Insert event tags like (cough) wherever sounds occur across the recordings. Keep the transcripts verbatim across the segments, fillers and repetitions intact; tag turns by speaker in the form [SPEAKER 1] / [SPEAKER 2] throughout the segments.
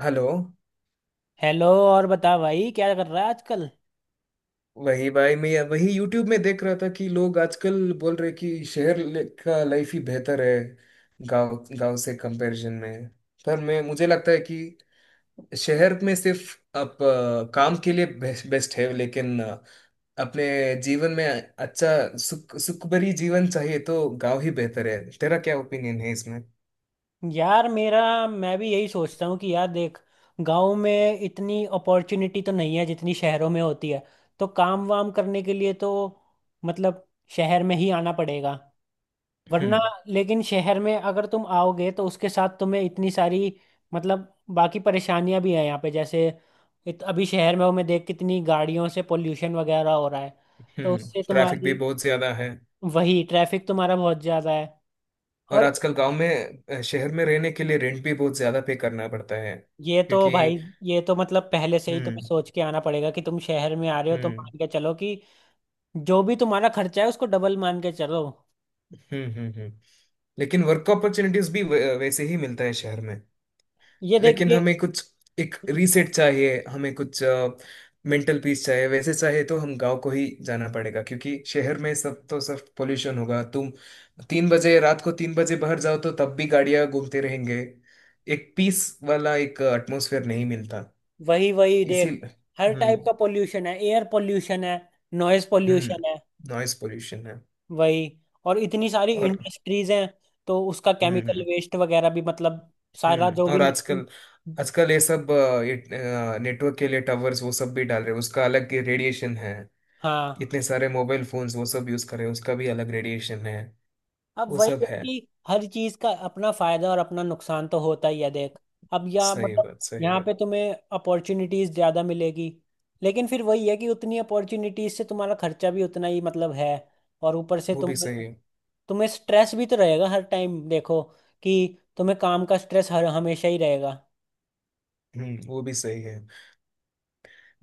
[SPEAKER 1] Hello.
[SPEAKER 2] Hello. और बता भाई, क्या कर रहा है आजकल?
[SPEAKER 1] वही भाई, मैं वही यूट्यूब में देख रहा था कि लोग आजकल बोल रहे कि शहर ले- का लाइफ ही बेहतर है गांव गांव से कंपैरिजन में। पर मैं मुझे लगता है कि शहर में सिर्फ आप अ, काम के लिए बेस्ट है, लेकिन अ, अपने जीवन में अच्छा सुख सुख भरी जीवन चाहिए तो गांव ही बेहतर है। तेरा क्या ओपिनियन है इसमें?
[SPEAKER 2] यार, मेरा मैं भी यही सोचता हूँ कि यार देख, गांव में इतनी अपॉर्चुनिटी तो नहीं है जितनी शहरों में होती है। तो काम वाम करने के लिए तो मतलब शहर में ही आना पड़ेगा वरना।
[SPEAKER 1] हम्म,
[SPEAKER 2] लेकिन शहर में अगर तुम आओगे तो उसके साथ तुम्हें इतनी सारी मतलब बाकी परेशानियां भी हैं यहाँ पे, जैसे इत, अभी शहर में हूँ मैं, देख कितनी गाड़ियों से पोल्यूशन वगैरह हो रहा है। तो
[SPEAKER 1] हम्म,
[SPEAKER 2] उससे
[SPEAKER 1] ट्रैफिक भी
[SPEAKER 2] तुम्हारी,
[SPEAKER 1] बहुत ज्यादा है।
[SPEAKER 2] वही ट्रैफिक तुम्हारा बहुत ज़्यादा है।
[SPEAKER 1] और
[SPEAKER 2] और
[SPEAKER 1] आजकल गांव में अ, शहर में रहने के लिए रेंट भी बहुत ज्यादा पे करना पड़ता है।
[SPEAKER 2] ये तो
[SPEAKER 1] क्योंकि,
[SPEAKER 2] भाई, ये तो मतलब पहले से ही तुम्हें
[SPEAKER 1] हम्म,
[SPEAKER 2] सोच के आना पड़ेगा कि तुम शहर में आ रहे हो तो
[SPEAKER 1] हम्म,
[SPEAKER 2] मान के चलो कि जो भी तुम्हारा खर्चा है उसको डबल मान के चलो।
[SPEAKER 1] हम्म, हम्म, हम्म। लेकिन वर्क अपॉर्चुनिटीज भी वै- वैसे ही मिलता है शहर में।
[SPEAKER 2] ये
[SPEAKER 1] लेकिन
[SPEAKER 2] देखिए,
[SPEAKER 1] हमें कुछ एक रीसेट चाहिए, हमें कुछ मेंटल पीस चाहिए, वैसे चाहिए तो हम गांव को ही जाना पड़ेगा। क्योंकि शहर में सब तो सब पोल्यूशन होगा। तुम तीन बजे रात को तीन बजे बाहर जाओ तो तब भी गाड़ियां घूमते रहेंगे। एक पीस वाला एक एटमोसफेयर नहीं मिलता।
[SPEAKER 2] वही वही
[SPEAKER 1] इसी
[SPEAKER 2] देख, हर
[SPEAKER 1] हम्म,
[SPEAKER 2] टाइप का पोल्यूशन है, एयर पोल्यूशन है, नॉइज
[SPEAKER 1] हम्म,
[SPEAKER 2] पोल्यूशन है।
[SPEAKER 1] नॉइस पोल्यूशन है।
[SPEAKER 2] वही, और इतनी सारी
[SPEAKER 1] और
[SPEAKER 2] इंडस्ट्रीज हैं, तो उसका केमिकल
[SPEAKER 1] हम्म,
[SPEAKER 2] वेस्ट वगैरह भी मतलब सारा
[SPEAKER 1] हम्म।
[SPEAKER 2] जो भी।
[SPEAKER 1] और आजकल आजकल ये सब अ, ये नेटवर्क के लिए टावर्स वो सब भी डाल रहे हैं, उसका अलग रेडिएशन है।
[SPEAKER 2] हाँ।
[SPEAKER 1] इतने सारे मोबाइल फोन्स वो सब यूज कर रहे हैं, उसका भी अलग रेडिएशन है।
[SPEAKER 2] अब
[SPEAKER 1] वो
[SPEAKER 2] वही
[SPEAKER 1] सब
[SPEAKER 2] है
[SPEAKER 1] है।
[SPEAKER 2] कि हर चीज का अपना फायदा और अपना नुकसान तो होता ही है देख। अब या
[SPEAKER 1] सही
[SPEAKER 2] मतलब
[SPEAKER 1] बात, सही
[SPEAKER 2] यहाँ
[SPEAKER 1] बात।
[SPEAKER 2] पे तुम्हें अपॉर्चुनिटीज ज्यादा मिलेगी, लेकिन फिर वही है कि उतनी अपॉर्चुनिटीज से तुम्हारा खर्चा भी उतना ही मतलब है। और ऊपर से
[SPEAKER 1] वो भी
[SPEAKER 2] तुम,
[SPEAKER 1] सही है।
[SPEAKER 2] तुम्हें स्ट्रेस भी तो रहेगा हर टाइम, देखो कि तुम्हें काम का स्ट्रेस हर हमेशा ही रहेगा।
[SPEAKER 1] हम्म, वो भी सही है।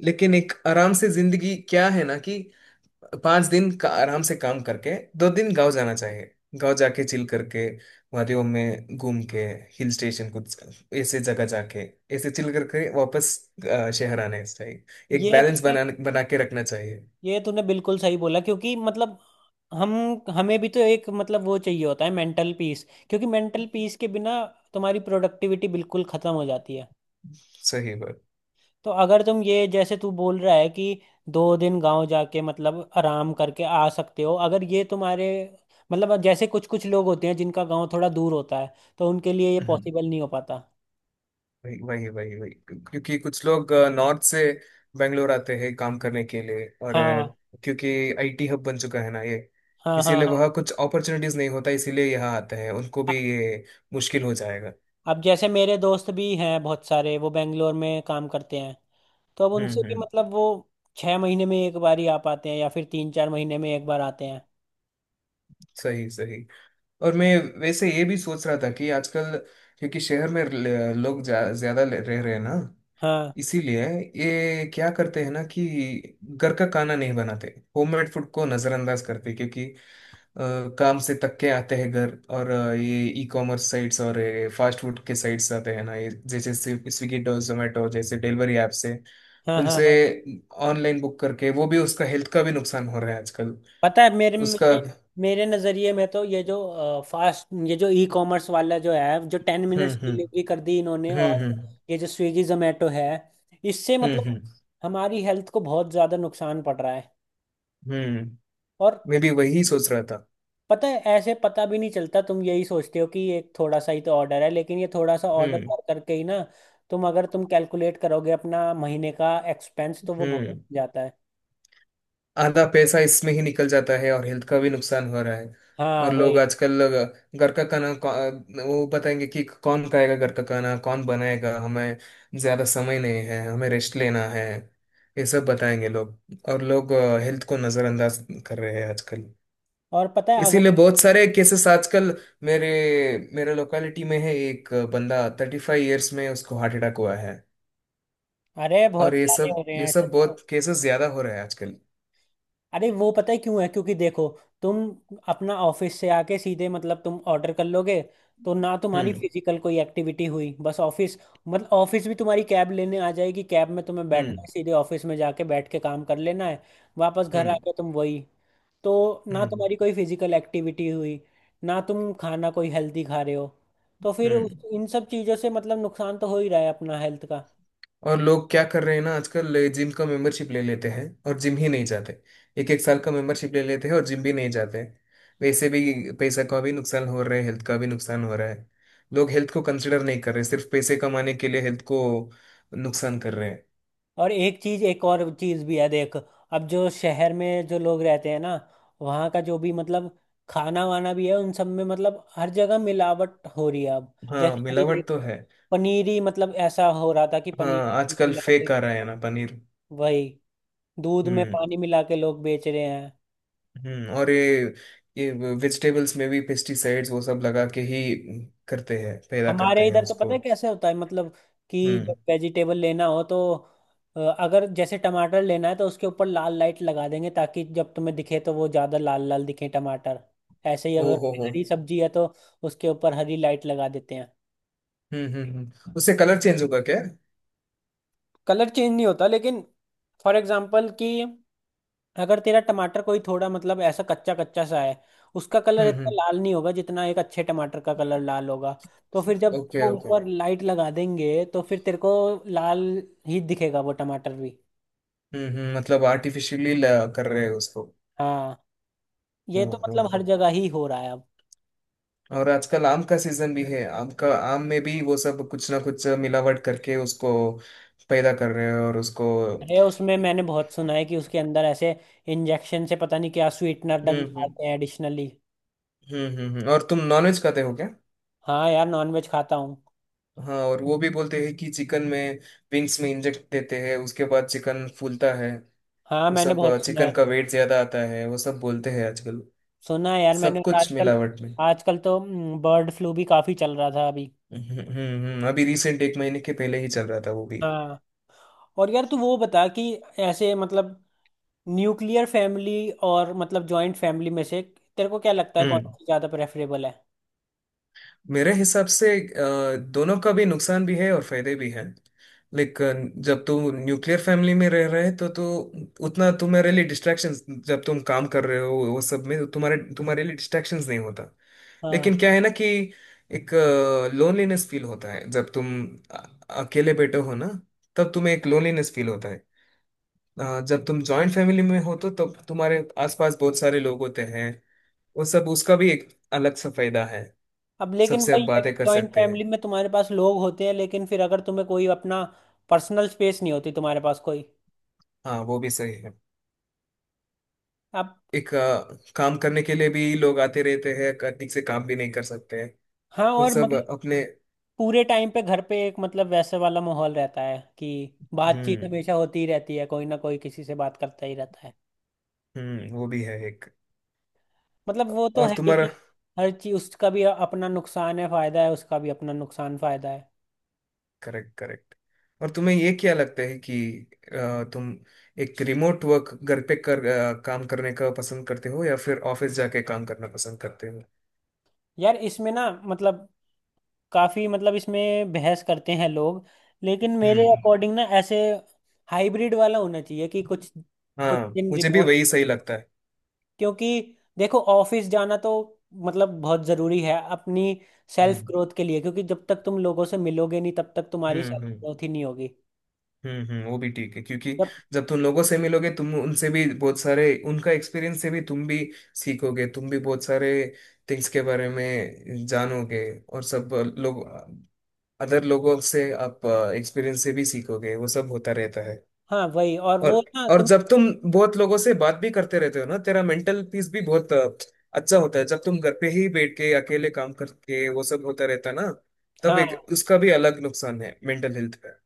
[SPEAKER 1] लेकिन एक आराम से जिंदगी क्या है ना कि पांच दिन का आराम से काम करके दो दिन गांव जाना चाहिए। गांव जाके चिल करके, वादियों में घूम के, हिल स्टेशन कुछ ऐसे जगह जाके, ऐसे चिल करके वापस अ, शहर आने चाहिए। एक
[SPEAKER 2] ये
[SPEAKER 1] बैलेंस
[SPEAKER 2] तुमने
[SPEAKER 1] बना बना के रखना चाहिए।
[SPEAKER 2] ये तूने बिल्कुल सही बोला, क्योंकि मतलब हम हमें भी तो एक मतलब वो चाहिए होता है, मेंटल पीस। क्योंकि मेंटल पीस के बिना तुम्हारी प्रोडक्टिविटी बिल्कुल खत्म हो जाती है।
[SPEAKER 1] सही बात।
[SPEAKER 2] तो अगर तुम ये, जैसे तू बोल रहा है कि दो दिन गांव जाके मतलब आराम करके आ सकते हो, अगर ये तुम्हारे मतलब जैसे कुछ कुछ लोग होते हैं जिनका गांव थोड़ा दूर होता है तो उनके लिए ये
[SPEAKER 1] हम्म,
[SPEAKER 2] पॉसिबल नहीं हो पाता।
[SPEAKER 1] वही वही वही वही। क्योंकि कुछ लोग नॉर्थ से बेंगलोर आते हैं काम करने के लिए, और अ,
[SPEAKER 2] हाँ,
[SPEAKER 1] क्योंकि आई टी हब बन चुका है ना ये,
[SPEAKER 2] हाँ, हाँ,
[SPEAKER 1] इसीलिए
[SPEAKER 2] हाँ।
[SPEAKER 1] वह कुछ अपॉर्चुनिटीज नहीं होता इसीलिए यहाँ आते हैं। उनको
[SPEAKER 2] अ-
[SPEAKER 1] भी ये मुश्किल हो जाएगा।
[SPEAKER 2] अब जैसे मेरे दोस्त भी हैं बहुत सारे, वो बेंगलोर में काम करते हैं। तो अब
[SPEAKER 1] हम्म,
[SPEAKER 2] उनसे भी
[SPEAKER 1] हम्म,
[SPEAKER 2] मतलब वो छह महीने में एक बार ही आ पाते हैं या फिर तीन चार महीने में एक बार आते हैं।
[SPEAKER 1] सही, सही। और मैं वैसे ये भी सोच रहा था कि आजकल क्योंकि शहर में ल- लोग जा, ज्यादा ले- रह रहे हैं ना,
[SPEAKER 2] हाँ,
[SPEAKER 1] इसीलिए ये क्या करते हैं ना कि घर का खाना नहीं बनाते, होममेड फूड को नजरअंदाज करते हैं, क्योंकि अ, काम से थक के आते हैं घर, और अ, ये ई कॉमर्स साइट्स और फास्ट फूड के साइट्स आते हैं ना ये, जैसे स्विगी और जोमेटो जैसे डिलीवरी ऐप से,
[SPEAKER 2] हाँ, हाँ,
[SPEAKER 1] उनसे
[SPEAKER 2] हाँ।
[SPEAKER 1] ऑनलाइन बुक करके, वो भी उसका हेल्थ का भी नुकसान हो रहा है आजकल।
[SPEAKER 2] पता है, मेरे
[SPEAKER 1] उसका।
[SPEAKER 2] मेरे मेरे नज़रिए में तो ये जो फास्ट, ये जो ई कॉमर्स वाला जो है, जो ten
[SPEAKER 1] hmm,
[SPEAKER 2] minutes
[SPEAKER 1] hmm,
[SPEAKER 2] delivery कर दी इन्होंने,
[SPEAKER 1] हम्म,
[SPEAKER 2] और
[SPEAKER 1] हम्म,
[SPEAKER 2] ये जो स्विगी जोमेटो है, इससे
[SPEAKER 1] हम्म,
[SPEAKER 2] मतलब
[SPEAKER 1] हम्म,
[SPEAKER 2] हमारी हेल्थ को बहुत ज़्यादा नुकसान पड़ रहा है।
[SPEAKER 1] हम्म,
[SPEAKER 2] और
[SPEAKER 1] मैं भी वही सोच रहा था।
[SPEAKER 2] पता है ऐसे पता भी नहीं चलता, तुम यही सोचते हो कि ये थोड़ा सा ही तो ऑर्डर है, लेकिन ये थोड़ा सा ऑर्डर
[SPEAKER 1] हम्म,
[SPEAKER 2] कर करके ही ना, तुम अगर तुम कैलकुलेट करोगे अपना महीने का एक्सपेंस तो वो बहुत हो
[SPEAKER 1] हम्म,
[SPEAKER 2] जाता है।
[SPEAKER 1] आधा पैसा इसमें ही निकल जाता है और हेल्थ का भी नुकसान हो रहा है।
[SPEAKER 2] हाँ
[SPEAKER 1] और लोग
[SPEAKER 2] वही।
[SPEAKER 1] आजकल अ, घर का खाना कौ- वो बताएंगे कि कौन खाएगा घर का खाना, कौन बनाएगा। हमें ज्यादा समय नहीं है, हमें रेस्ट लेना है। ये सब बताएंगे लोग। और लोग हेल्थ को नजरअंदाज कर रहे हैं आजकल।
[SPEAKER 2] और पता है अगर,
[SPEAKER 1] इसीलिए बहुत सारे केसेस आजकल मेरे मेरे लोकेलिटी में है। एक बंदा थर्टी फाइव ईयर्स में उसको हार्ट अटैक हुआ है।
[SPEAKER 2] अरे
[SPEAKER 1] और
[SPEAKER 2] बहुत
[SPEAKER 1] ये
[SPEAKER 2] सारे हो
[SPEAKER 1] सब
[SPEAKER 2] रहे
[SPEAKER 1] ये
[SPEAKER 2] हैं ऐसे
[SPEAKER 1] सब
[SPEAKER 2] तो।
[SPEAKER 1] बहुत केसेस ज्यादा हो रहे हैं आजकल।
[SPEAKER 2] अरे, वो पता है क्यों है? क्योंकि देखो तुम अपना ऑफिस से आके सीधे मतलब तुम ऑर्डर कर लोगे, तो ना तुम्हारी
[SPEAKER 1] हम्म,
[SPEAKER 2] फिजिकल कोई एक्टिविटी हुई, बस ऑफिस मतलब ऑफिस भी तुम्हारी कैब लेने आ जाएगी, कैब में तुम्हें बैठना
[SPEAKER 1] हम्म,
[SPEAKER 2] है, सीधे ऑफिस में जाके बैठ के काम कर लेना है, वापस घर
[SPEAKER 1] हम्म,
[SPEAKER 2] आके तुम वही। तो ना
[SPEAKER 1] हम्म,
[SPEAKER 2] तुम्हारी कोई फिजिकल एक्टिविटी हुई, ना तुम खाना कोई हेल्दी खा रहे हो। तो फिर
[SPEAKER 1] हम्म।
[SPEAKER 2] उस- इन सब चीज़ों से मतलब नुकसान तो हो ही रहा है अपना हेल्थ का।
[SPEAKER 1] और लोग क्या कर रहे हैं ना आजकल, जिम का मेंबरशिप ले लेते हैं और जिम ही नहीं जाते। एक एक साल का मेंबरशिप ले लेते हैं और जिम भी नहीं जाते। वैसे भी पैसा का भी नुकसान हो रहा है, हेल्थ का भी नुकसान हो रहा है। लोग हेल्थ को कंसिडर नहीं कर रहे, सिर्फ पैसे कमाने के लिए हेल्थ को नुकसान कर रहे हैं।
[SPEAKER 2] और एक चीज एक और चीज भी है देख, अब जो शहर में जो लोग रहते हैं ना, वहाँ का जो भी मतलब खाना वाना भी है उन सब में मतलब हर जगह मिलावट हो रही है अब।
[SPEAKER 1] हाँ,
[SPEAKER 2] जैसे अभी देख,
[SPEAKER 1] मिलावट तो है।
[SPEAKER 2] पनीर ही मतलब ऐसा हो रहा था कि
[SPEAKER 1] हाँ,
[SPEAKER 2] पनीर
[SPEAKER 1] आजकल
[SPEAKER 2] मिला के,
[SPEAKER 1] फेक आ रहा है ना पनीर।
[SPEAKER 2] वही दूध में
[SPEAKER 1] हम्म,
[SPEAKER 2] पानी मिला के लोग बेच रहे हैं।
[SPEAKER 1] हम्म। और ये ये वेजिटेबल्स में भी पेस्टिसाइड्स वो सब लगा के ही करते हैं, पैदा करते
[SPEAKER 2] हमारे
[SPEAKER 1] हैं
[SPEAKER 2] इधर तो पता
[SPEAKER 1] उसको।
[SPEAKER 2] है कैसे होता है मतलब, कि जब
[SPEAKER 1] हम्म।
[SPEAKER 2] वेजिटेबल लेना हो तो अ, अगर जैसे टमाटर लेना है तो उसके ऊपर लाल लाइट लगा देंगे ताकि जब तुम्हें दिखे तो वो ज़्यादा लाल लाल दिखे टमाटर। ऐसे ही
[SPEAKER 1] ओ
[SPEAKER 2] अगर
[SPEAKER 1] हो
[SPEAKER 2] कोई
[SPEAKER 1] हो।
[SPEAKER 2] हरी सब्जी है तो उसके ऊपर हरी लाइट लगा देते हैं।
[SPEAKER 1] हम्म, हम्म, हम्म, उससे कलर चेंज होगा क्या?
[SPEAKER 2] कलर चेंज नहीं होता, लेकिन फॉर एग्जाम्पल कि अगर तेरा टमाटर कोई थोड़ा मतलब ऐसा कच्चा कच्चा सा है, उसका कलर
[SPEAKER 1] हम्म,
[SPEAKER 2] इतना
[SPEAKER 1] हम्म।
[SPEAKER 2] लाल नहीं होगा जितना एक अच्छे टमाटर का कलर लाल होगा। तो फिर जब
[SPEAKER 1] ओके,
[SPEAKER 2] वो
[SPEAKER 1] ओके।
[SPEAKER 2] ऊपर लाइट लगा देंगे तो फिर तेरे को लाल ही दिखेगा वो टमाटर भी।
[SPEAKER 1] हम्म, हम्म, मतलब आर्टिफिशियली कर रहे हैं उसको।
[SPEAKER 2] हाँ, ये
[SPEAKER 1] हम्म,
[SPEAKER 2] तो
[SPEAKER 1] हम्म,
[SPEAKER 2] मतलब हर
[SPEAKER 1] हम्म।
[SPEAKER 2] जगह ही हो रहा है अब।
[SPEAKER 1] और आजकल आम का सीजन भी है। आम का आम में भी वो सब कुछ ना कुछ मिलावट करके उसको पैदा कर रहे हैं, और उसको,
[SPEAKER 2] अरे, उसमें मैंने बहुत सुना है कि उसके अंदर ऐसे इंजेक्शन से पता नहीं क्या स्वीटनर
[SPEAKER 1] हम्म, हम्म,
[SPEAKER 2] डालते हैं एडिशनली।
[SPEAKER 1] हम्म, हम्म, हम्म। और तुम नॉनवेज खाते हो क्या?
[SPEAKER 2] हाँ यार, नॉनवेज खाता हूँ।
[SPEAKER 1] हाँ, और वो भी बोलते हैं कि चिकन में विंग्स में इंजेक्ट देते हैं, उसके बाद चिकन फूलता है,
[SPEAKER 2] हाँ,
[SPEAKER 1] वो
[SPEAKER 2] मैंने
[SPEAKER 1] सब।
[SPEAKER 2] बहुत सुना है।
[SPEAKER 1] चिकन का वेट ज्यादा आता है, वो सब बोलते हैं आजकल,
[SPEAKER 2] सुना है यार मैंने,
[SPEAKER 1] सब
[SPEAKER 2] और
[SPEAKER 1] कुछ
[SPEAKER 2] आजकल,
[SPEAKER 1] मिलावट में।
[SPEAKER 2] आजकल तो बर्ड फ्लू भी काफी चल रहा था अभी।
[SPEAKER 1] हम्म, हम्म, हम्म, हम्म, अभी रिसेंट एक महीने के पहले ही चल रहा था वो भी।
[SPEAKER 2] हाँ। और यार तू वो बता कि ऐसे मतलब न्यूक्लियर फैमिली और मतलब जॉइंट फैमिली में से तेरे को क्या लगता है कौन
[SPEAKER 1] हम्म।
[SPEAKER 2] सी ज्यादा प्रेफरेबल है?
[SPEAKER 1] मेरे हिसाब से अ, दोनों का भी नुकसान भी है और फायदे भी हैं। लेकिन जब तू न्यूक्लियर फैमिली में रह रहे, तो तू उतना तुम्हारे लिए डिस्ट्रैक्शंस, जब तुम काम कर रहे हो वो सब में, तो तुम्हारे तुम्हारे लिए डिस्ट्रैक्शंस नहीं होता।
[SPEAKER 2] हाँ।
[SPEAKER 1] लेकिन क्या है ना कि एक लोनलीनेस फील होता है, जब तुम अ- अकेले बैठे हो ना, तब तुम्हें एक लोनलीनेस फील होता है। अ, जब तुम जॉइंट फैमिली में हो, तो तब तुम्हारे आसपास बहुत सारे लोग होते हैं वो सब, उसका भी एक अलग सा फायदा है।
[SPEAKER 2] अब लेकिन
[SPEAKER 1] सबसे आप
[SPEAKER 2] वही है कि
[SPEAKER 1] बातें कर
[SPEAKER 2] जॉइंट
[SPEAKER 1] सकते
[SPEAKER 2] फैमिली
[SPEAKER 1] हैं।
[SPEAKER 2] में तुम्हारे पास लोग होते हैं, लेकिन फिर अगर तुम्हें कोई अपना पर्सनल स्पेस नहीं होती तुम्हारे पास कोई।
[SPEAKER 1] हाँ, वो भी सही है।
[SPEAKER 2] अब
[SPEAKER 1] एक अ, काम करने के लिए भी लोग आते रहते हैं, क- ठीक से काम भी नहीं कर सकते हैं,
[SPEAKER 2] हाँ,
[SPEAKER 1] वो
[SPEAKER 2] और
[SPEAKER 1] सब
[SPEAKER 2] मतलब
[SPEAKER 1] अपने।
[SPEAKER 2] पूरे टाइम पे घर पे एक मतलब वैसे वाला माहौल रहता है कि बातचीत
[SPEAKER 1] हम्म,
[SPEAKER 2] हमेशा होती ही रहती है, कोई ना कोई किसी से बात करता ही रहता है।
[SPEAKER 1] हम्म, वो भी है एक।
[SPEAKER 2] मतलब वो तो
[SPEAKER 1] और
[SPEAKER 2] है ही कि
[SPEAKER 1] तुम्हारा।
[SPEAKER 2] हर चीज, उसका भी अपना नुकसान है फायदा है, उसका भी अपना नुकसान फायदा है।
[SPEAKER 1] Correct, correct. और तुम्हें ये क्या लगता है कि अ, तुम एक रिमोट वर्क घर पे कर अ, काम करने का पसंद करते हो या फिर ऑफिस जाके काम करना पसंद करते हो?
[SPEAKER 2] यार, इसमें ना मतलब काफी मतलब इसमें बहस करते हैं लोग। लेकिन मेरे
[SPEAKER 1] हम्म।
[SPEAKER 2] अकॉर्डिंग ना ऐसे हाइब्रिड वाला होना चाहिए कि कुछ, कुछ
[SPEAKER 1] हाँ,
[SPEAKER 2] दिन
[SPEAKER 1] मुझे भी
[SPEAKER 2] रिमोट।
[SPEAKER 1] वही सही लगता है।
[SPEAKER 2] क्योंकि देखो, ऑफिस जाना तो मतलब बहुत जरूरी है अपनी सेल्फ
[SPEAKER 1] हम्म,
[SPEAKER 2] ग्रोथ के लिए, क्योंकि जब तक तुम लोगों से मिलोगे नहीं तब तक तुम्हारी
[SPEAKER 1] हम्म,
[SPEAKER 2] सेल्फ
[SPEAKER 1] हम्म,
[SPEAKER 2] ग्रोथ ही नहीं होगी।
[SPEAKER 1] हम्म, हम्म, वो भी ठीक है, क्योंकि
[SPEAKER 2] जब,
[SPEAKER 1] जब तुम लोगों से मिलोगे, तुम उनसे भी बहुत सारे उनका एक्सपीरियंस से भी तुम भी सीखोगे, तुम भी बहुत सारे थिंग्स के बारे में जानोगे। और सब लोग, अदर लोगों से आप एक्सपीरियंस से भी सीखोगे, वो सब होता रहता है।
[SPEAKER 2] हाँ वही। और वो
[SPEAKER 1] और
[SPEAKER 2] ना
[SPEAKER 1] और
[SPEAKER 2] तुम,
[SPEAKER 1] जब तुम बहुत लोगों से बात भी करते रहते हो ना, तेरा मेंटल पीस भी बहुत अ, अच्छा होता है। जब तुम घर पे ही बैठ के अकेले काम करके वो सब होता रहता ना, तब
[SPEAKER 2] हाँ
[SPEAKER 1] एक उसका भी अलग नुकसान है मेंटल हेल्थ का।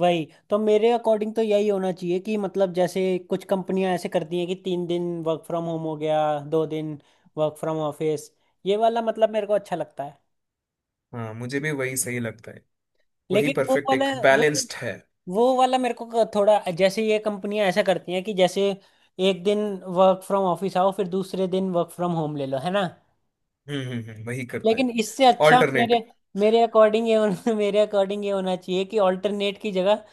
[SPEAKER 2] वही तो मेरे अकॉर्डिंग तो यही होना चाहिए कि मतलब जैसे कुछ कंपनियां ऐसे करती हैं कि तीन दिन वर्क फ्रॉम होम हो गया, दो दिन वर्क फ्रॉम ऑफिस। ये वाला मतलब मेरे को अच्छा लगता है।
[SPEAKER 1] हाँ, मुझे भी वही सही लगता है। वही
[SPEAKER 2] लेकिन वो
[SPEAKER 1] परफेक्ट
[SPEAKER 2] वाला
[SPEAKER 1] एक
[SPEAKER 2] वो
[SPEAKER 1] बैलेंस्ड है।
[SPEAKER 2] वो वाला मेरे को क- थोड़ा, जैसे ये कंपनियां ऐसा करती हैं कि जैसे एक दिन वर्क फ्रॉम ऑफिस आओ फिर दूसरे दिन वर्क फ्रॉम होम ले लो है ना।
[SPEAKER 1] हम्म, हम्म, हम्म, वही करते
[SPEAKER 2] लेकिन इससे
[SPEAKER 1] हैं
[SPEAKER 2] अच्छा मेरे
[SPEAKER 1] ऑल्टरनेट।
[SPEAKER 2] मेरे अकॉर्डिंग ये होना (laughs) मेरे अकॉर्डिंग ये होना चाहिए कि ऑल्टरनेट की जगह,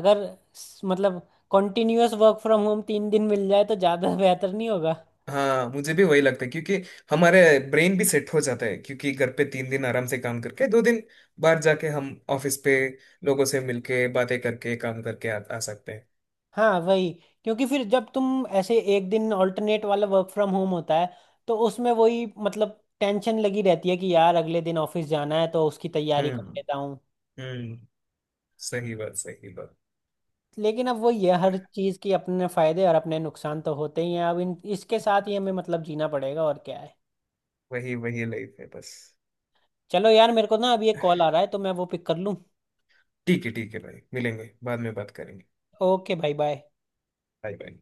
[SPEAKER 2] अगर स- मतलब कॉन्टिन्यूअस वर्क फ्रॉम होम तीन दिन मिल जाए तो ज़्यादा (laughs) बेहतर नहीं होगा?
[SPEAKER 1] हाँ, मुझे भी वही लगता है, क्योंकि हमारे ब्रेन भी सेट हो जाता है, क्योंकि घर पे तीन दिन आराम से काम करके दो दिन बाहर जाके हम ऑफिस पे लोगों से मिलके बातें करके काम करके आ, आ सकते हैं।
[SPEAKER 2] हाँ वही। क्योंकि फिर जब तुम ऐसे एक दिन ऑल्टरनेट वाला वर्क फ्रॉम होम होता है तो उसमें वही मतलब टेंशन लगी रहती है कि यार अगले दिन ऑफिस जाना है तो उसकी तैयारी कर
[SPEAKER 1] हम्म,
[SPEAKER 2] लेता हूँ।
[SPEAKER 1] हम्म, सही बात, सही बात।
[SPEAKER 2] लेकिन अब वो ये, हर चीज़ के अपने फायदे और अपने नुकसान तो होते ही हैं, अब इन इसके साथ ही हमें मतलब जीना पड़ेगा और क्या है।
[SPEAKER 1] वही वही लाइफ है बस।
[SPEAKER 2] चलो यार, मेरे को ना अभी एक कॉल आ रहा है तो मैं वो पिक कर लूँ।
[SPEAKER 1] ठीक है, ठीक है भाई, मिलेंगे बाद में बात करेंगे।
[SPEAKER 2] ओके भाई, बाय।
[SPEAKER 1] Bye, bye.